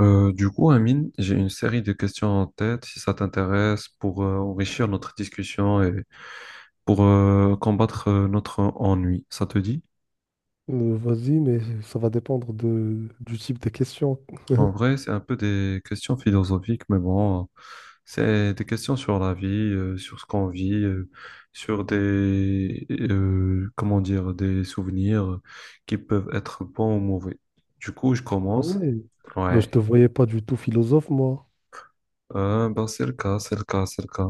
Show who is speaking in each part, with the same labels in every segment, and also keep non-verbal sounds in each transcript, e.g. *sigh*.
Speaker 1: Du coup, Amine, j'ai une série de questions en tête, si ça t'intéresse, pour enrichir notre discussion et pour combattre notre ennui. Ça te dit?
Speaker 2: Vas-y, mais ça va dépendre du type de question. *laughs*
Speaker 1: En vrai, c'est un peu des questions philosophiques, mais bon, c'est des questions sur la vie, sur ce qu'on vit, sur des, comment dire, des souvenirs qui peuvent être bons ou mauvais. Du coup, je
Speaker 2: Ah
Speaker 1: commence.
Speaker 2: ouais. Ben, je
Speaker 1: Ouais.
Speaker 2: te voyais pas du tout philosophe, moi.
Speaker 1: Ben, c'est le cas, c'est le cas, c'est le cas.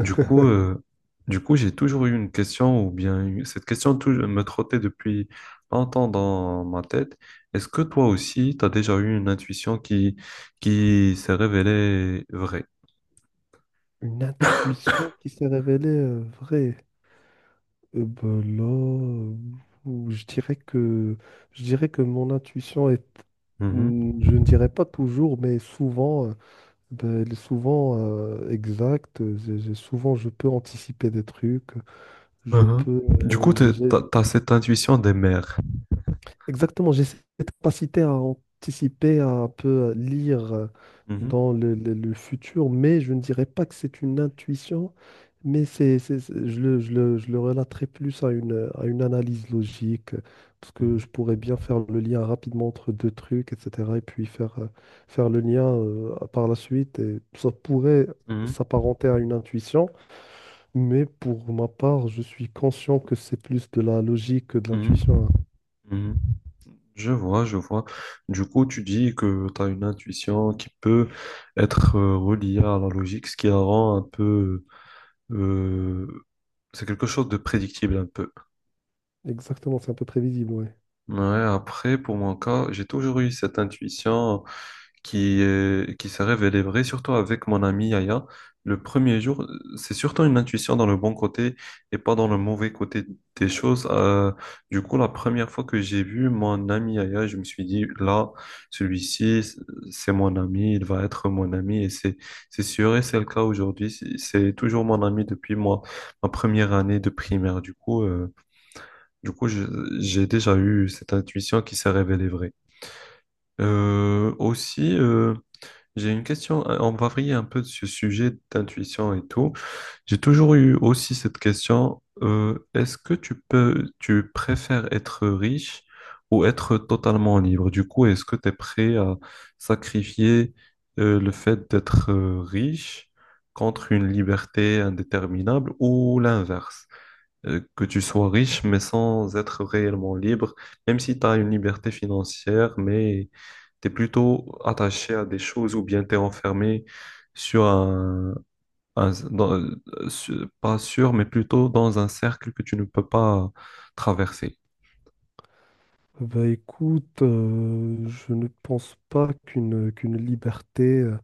Speaker 1: Du coup, euh, du coup, j'ai toujours eu une question, ou bien cette me trottait depuis longtemps dans ma tête. Est-ce que toi aussi, tu as déjà eu une intuition qui s'est révélée vraie?
Speaker 2: Une intuition qui s'est révélée vraie. Euh, ben là, euh, ou- je dirais que, je dirais que mon intuition est,
Speaker 1: Mhm.
Speaker 2: je ne dirais pas toujours, mais souvent, ben, elle est souvent exacte. Souvent, je peux anticiper des trucs. Je
Speaker 1: Mhm.
Speaker 2: peux,
Speaker 1: Du coup,
Speaker 2: euh,
Speaker 1: tu
Speaker 2: j'ai-
Speaker 1: as cette intuition des mères.
Speaker 2: Exactement, j'ai cette capacité à anticiper, à un peu lire
Speaker 1: Mhm.
Speaker 2: dans le, le futur, mais je ne dirais pas que c'est une intuition, mais je le, je le relaterai plus à une analyse logique, parce que
Speaker 1: Mhm.
Speaker 2: je pourrais bien faire le lien rapidement entre deux trucs, etc., et puis faire, faire le lien par la suite, et ça pourrait s'apparenter à une intuition, mais pour ma part, je suis conscient que c'est plus de la logique que de
Speaker 1: Mhm.
Speaker 2: l'intuition, hein.
Speaker 1: Mhm. Mhm. Je vois, je vois. Du coup, tu dis que tu as une intuition qui peut être reliée à la logique, ce qui la rend un peu euh, c'est quelque chose de prédictible un peu.
Speaker 2: Exactement, c'est un peu prévisible, ouais.
Speaker 1: Ouais, après, pour mon cas, j'ai toujours eu cette intuition qui est, qui s'est révélée vraie, surtout avec mon ami Yaya. Le premier jour, c'est surtout une intuition dans le bon côté et pas dans le mauvais côté des choses. Du coup, la première fois que j'ai vu mon ami Yaya, je me suis dit, là, celui-ci, c'est mon ami, il va être mon ami et c'est sûr et c'est le cas aujourd'hui. C'est toujours mon ami depuis moi, ma première année de primaire. Du coup, j'ai déjà eu cette intuition qui s'est révélée vraie. Aussi, j'ai une question. On va varier un peu de ce sujet d'intuition et tout. J'ai toujours eu aussi cette question. Est-ce que tu peux, tu préfères être riche ou être totalement libre? Du coup, est-ce que tu es prêt à sacrifier le fait d'être riche contre une liberté indéterminable ou l'inverse? Que tu sois riche, mais sans être réellement libre, même si tu as une liberté financière, mais tu es plutôt attaché à des choses ou bien tu es enfermé sur un, pas sûr, mais plutôt dans un cercle que tu ne peux pas traverser.
Speaker 2: Bah écoute, je ne pense pas qu'une liberté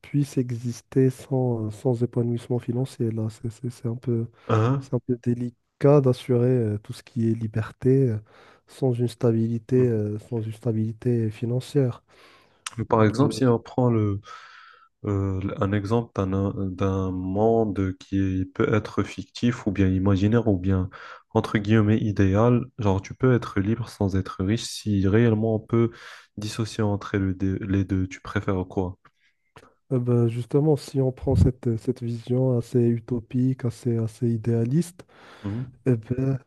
Speaker 2: puisse exister sans, sans épanouissement financier. Là,
Speaker 1: Hein?
Speaker 2: c'est un peu délicat d'assurer tout ce qui est liberté sans une stabilité,
Speaker 1: Mhm.
Speaker 2: sans une stabilité financière.
Speaker 1: Par exemple,
Speaker 2: Euh,
Speaker 1: si on prend le un exemple d'un monde qui est peut être fictif ou bien imaginaire ou bien entre guillemets idéal. Genre, tu peux être libre sans être riche si réellement on peut dissocier entre les deux. Les deux. Tu préfères quoi?
Speaker 2: Justement, si on prend cette, cette vision assez utopique, assez idéaliste,
Speaker 1: Mhm,
Speaker 2: eh ben,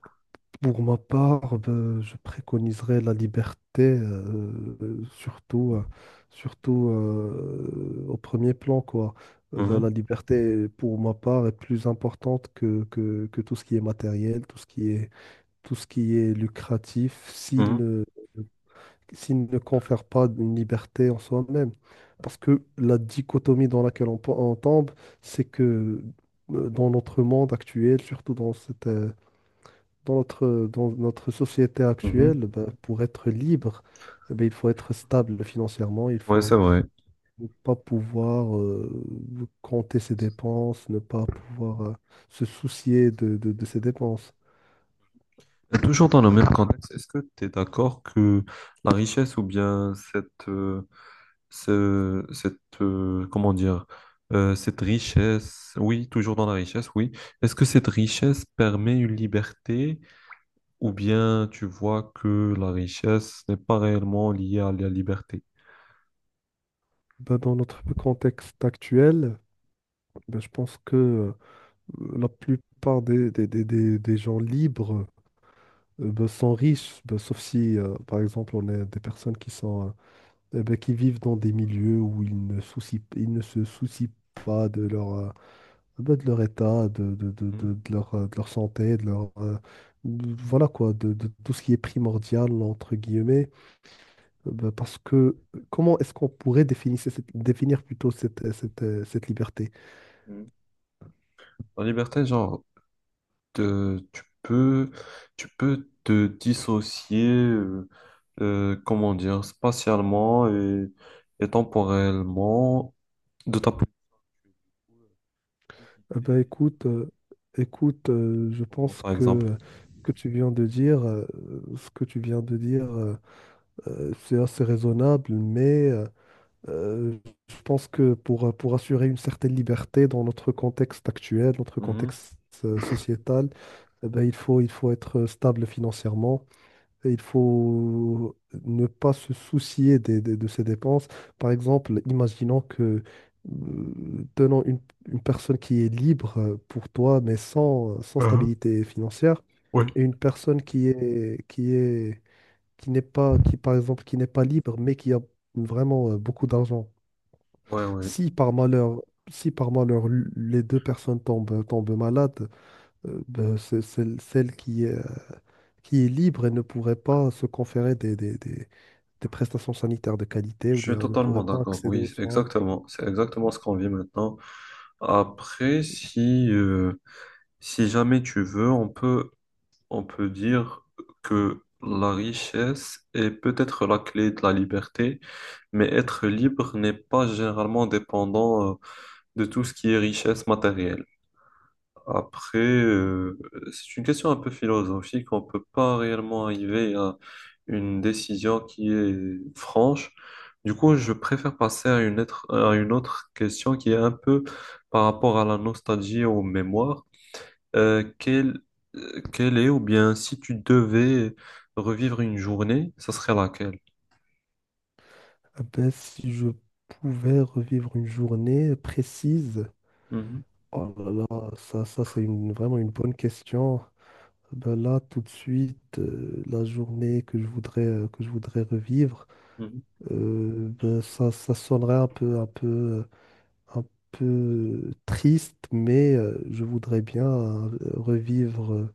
Speaker 2: pour ma part, ben, je préconiserais la liberté, surtout au premier plan, quoi. Ben, la liberté, pour ma part, est plus importante que tout ce qui est matériel, tout ce qui est, tout ce qui est lucratif,
Speaker 1: mhm,
Speaker 2: s'il ne confère pas une liberté en soi-même. Parce que la dichotomie dans laquelle on tombe, c'est que dans notre monde actuel, surtout dans cette, dans notre société
Speaker 1: mhm, mhm.
Speaker 2: actuelle, ben, pour être libre, eh ben, il faut être stable financièrement, il
Speaker 1: Ouais, c'est
Speaker 2: faut
Speaker 1: vrai.
Speaker 2: ne pas pouvoir compter ses dépenses, ne pas pouvoir se soucier de, de ses dépenses.
Speaker 1: Et toujours dans le même contexte, est-ce que tu es d'accord que la richesse ou bien cette, comment dire, cette richesse, oui, toujours dans la richesse, oui. Est-ce que cette richesse permet une liberté ou bien tu vois que la richesse n'est pas réellement liée à la liberté?
Speaker 2: Ben, dans notre contexte actuel, ben, je pense que la plupart des, des gens libres ben, sont riches, ben, sauf si, par exemple, on est des personnes qui sont... bah, qui vivent dans des milieux où ils ne se soucient pas de leur, bah, de leur état,
Speaker 1: Mhm.
Speaker 2: de leur santé, voilà quoi, de tout ce qui est primordial, entre guillemets. Bah, parce que comment est-ce qu'on pourrait définir plutôt cette, cette liberté?
Speaker 1: Mhm. La liberté, genre, te- tu peux, tu peux te dissocier, comment dire, spatialement et temporellement de ta position actuelle. Tu peux
Speaker 2: Eh ben,
Speaker 1: quitter,
Speaker 2: écoute, je
Speaker 1: comment,
Speaker 2: pense
Speaker 1: par exemple.
Speaker 2: que ce que tu viens de dire, ce que tu viens de dire c'est assez raisonnable, euh, je pense que pour assurer une certaine liberté dans notre contexte actuel, notre contexte sociétal, eh ben, il faut être stable financièrement et il faut ne pas se soucier de ses dépenses. Par exemple, imaginons que, tenons une personne qui est libre pour toi, mais sans, sans
Speaker 1: Hein,
Speaker 2: stabilité financière,
Speaker 1: ouais.
Speaker 2: et une personne qui est qui par exemple, qui n'est pas libre, mais qui a vraiment beaucoup d'argent.
Speaker 1: Ouais, ouais,
Speaker 2: Si par malheur, si par malheur les deux personnes tombent, tombent malades, ben, celle qui est libre et ne pourrait pas se conférer des prestations sanitaires de qualité
Speaker 1: je
Speaker 2: ou
Speaker 1: suis
Speaker 2: bien ne pourrait
Speaker 1: totalement
Speaker 2: pas
Speaker 1: d'accord,
Speaker 2: accéder aux
Speaker 1: oui,
Speaker 2: soins.
Speaker 1: exactement, c'est exactement ce qu'on vit maintenant. Après, si jamais tu veux, on peut dire que la richesse est peut-être la clé de la liberté, mais être libre n'est pas généralement dépendant, de tout ce qui est richesse matérielle. Après, c'est une question un peu philosophique. On ne peut pas réellement arriver à une décision qui est franche. Du coup, je préfère passer à une autre question qui est un peu par rapport à la nostalgie et aux mémoires. Euh, quelle, Quelle est, ou bien si tu devais revivre une journée, ça serait laquelle?
Speaker 2: Ah ben, si je pouvais revivre une journée précise,
Speaker 1: Mhm,
Speaker 2: oh là là, ça c'est vraiment une bonne question. Ah ben là, tout de suite, la journée que je voudrais revivre,
Speaker 1: mhm,
Speaker 2: ben, ça sonnerait un peu, un peu, un peu triste, mais je voudrais bien revivre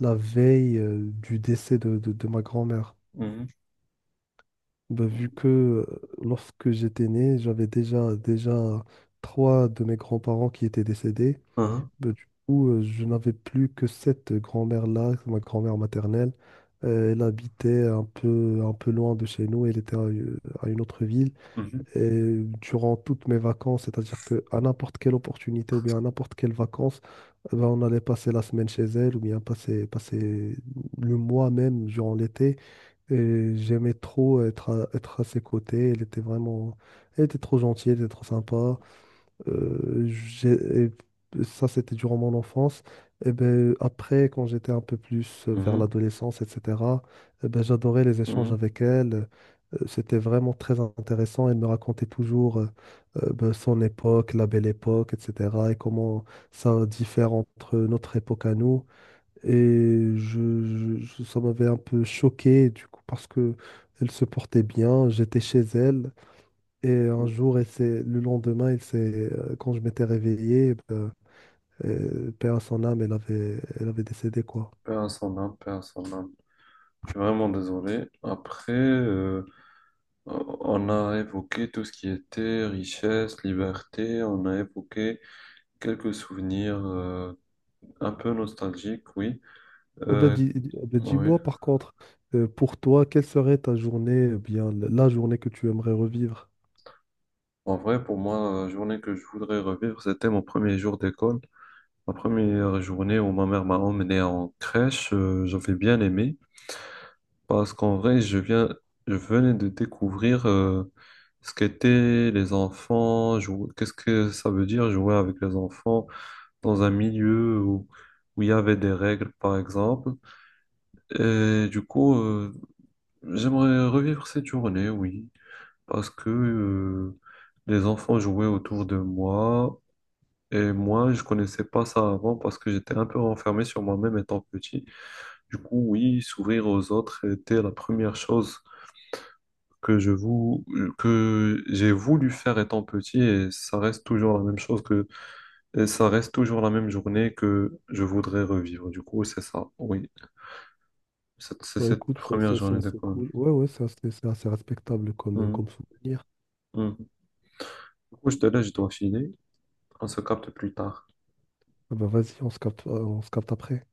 Speaker 2: la veille du décès de, de ma grand-mère.
Speaker 1: mhm,
Speaker 2: Bah, vu que lorsque j'étais né, j'avais déjà, déjà trois de mes grands-parents qui étaient décédés. Bah, du coup, je n'avais plus que cette grand-mère-là, ma grand-mère maternelle. Elle habitait un peu loin de chez nous, elle était à une autre ville.
Speaker 1: mhm,
Speaker 2: Et durant toutes mes vacances, c'est-à-dire qu'à n'importe quelle opportunité ou bien à n'importe quelle vacances, eh ben, on allait passer la semaine chez elle ou bien passer, passer le mois même durant l'été. Et j'aimais trop être à, être à ses côtés. Elle était vraiment... Elle était trop gentille, elle était trop sympa. Euh, j'ai- et Ça, c'était durant mon enfance. Et ben, après, quand j'étais un peu plus vers
Speaker 1: mhm,
Speaker 2: l'adolescence, etc., eh ben, j'adorais les échanges
Speaker 1: mhm,
Speaker 2: avec elle. C'était vraiment très intéressant. Elle me racontait toujours ben, son époque, la belle époque, etc. Et comment ça diffère entre notre époque à nous. Et ça m'avait un peu choqué, du coup, parce que elle se portait bien, j'étais chez elle. Et
Speaker 1: mhm,
Speaker 2: un
Speaker 1: mhm.
Speaker 2: jour, le lendemain, elle s'est, quand je m'étais réveillé, ben, paix à son âme, elle avait décédé, quoi.
Speaker 1: Paix à son âme, paix à son âme. Je suis vraiment désolé. Après, on a évoqué tout ce qui était richesse, liberté, on a évoqué quelques souvenirs un peu nostalgiques, oui. Euh, oui.
Speaker 2: Dis-moi, par contre, pour toi, quelle serait ta journée, eh bien, la journée que tu aimerais revivre?
Speaker 1: En vrai, pour moi, la journée que je voudrais revivre, c'était mon premier jour d'école. Ma première journée où ma mère m'a emmené en crèche, j'avais bien aimé parce qu'en vrai, je viens, je venais de découvrir ce qu'étaient les enfants, qu'est-ce que ça veut dire jouer avec les enfants dans un milieu où, où il y avait des règles, par exemple. Et du coup, j'aimerais revivre cette journée, oui, parce que les enfants jouaient autour de moi. Et moi, je connaissais pas ça avant parce que j'étais un peu renfermé sur moi-même étant petit. Du coup, oui, s'ouvrir aux autres était la première chose que je vou- que j'ai voulu faire étant petit et ça reste toujours la même chose que. Et ça reste toujours la même journée que je voudrais revivre. Du coup, c'est ça. Oui, c'est
Speaker 2: Ouais,
Speaker 1: cette
Speaker 2: écoute,
Speaker 1: première
Speaker 2: c'est
Speaker 1: journée
Speaker 2: assez
Speaker 1: d'école.
Speaker 2: cool. Ouais, ouais, c'est assez respectable comme,
Speaker 1: Mhm.
Speaker 2: comme souvenir.
Speaker 1: Mhm. Du coup, je te laisse, je dois filer. On se capte plus tard.
Speaker 2: Ah ben, vas-y, on se capte après.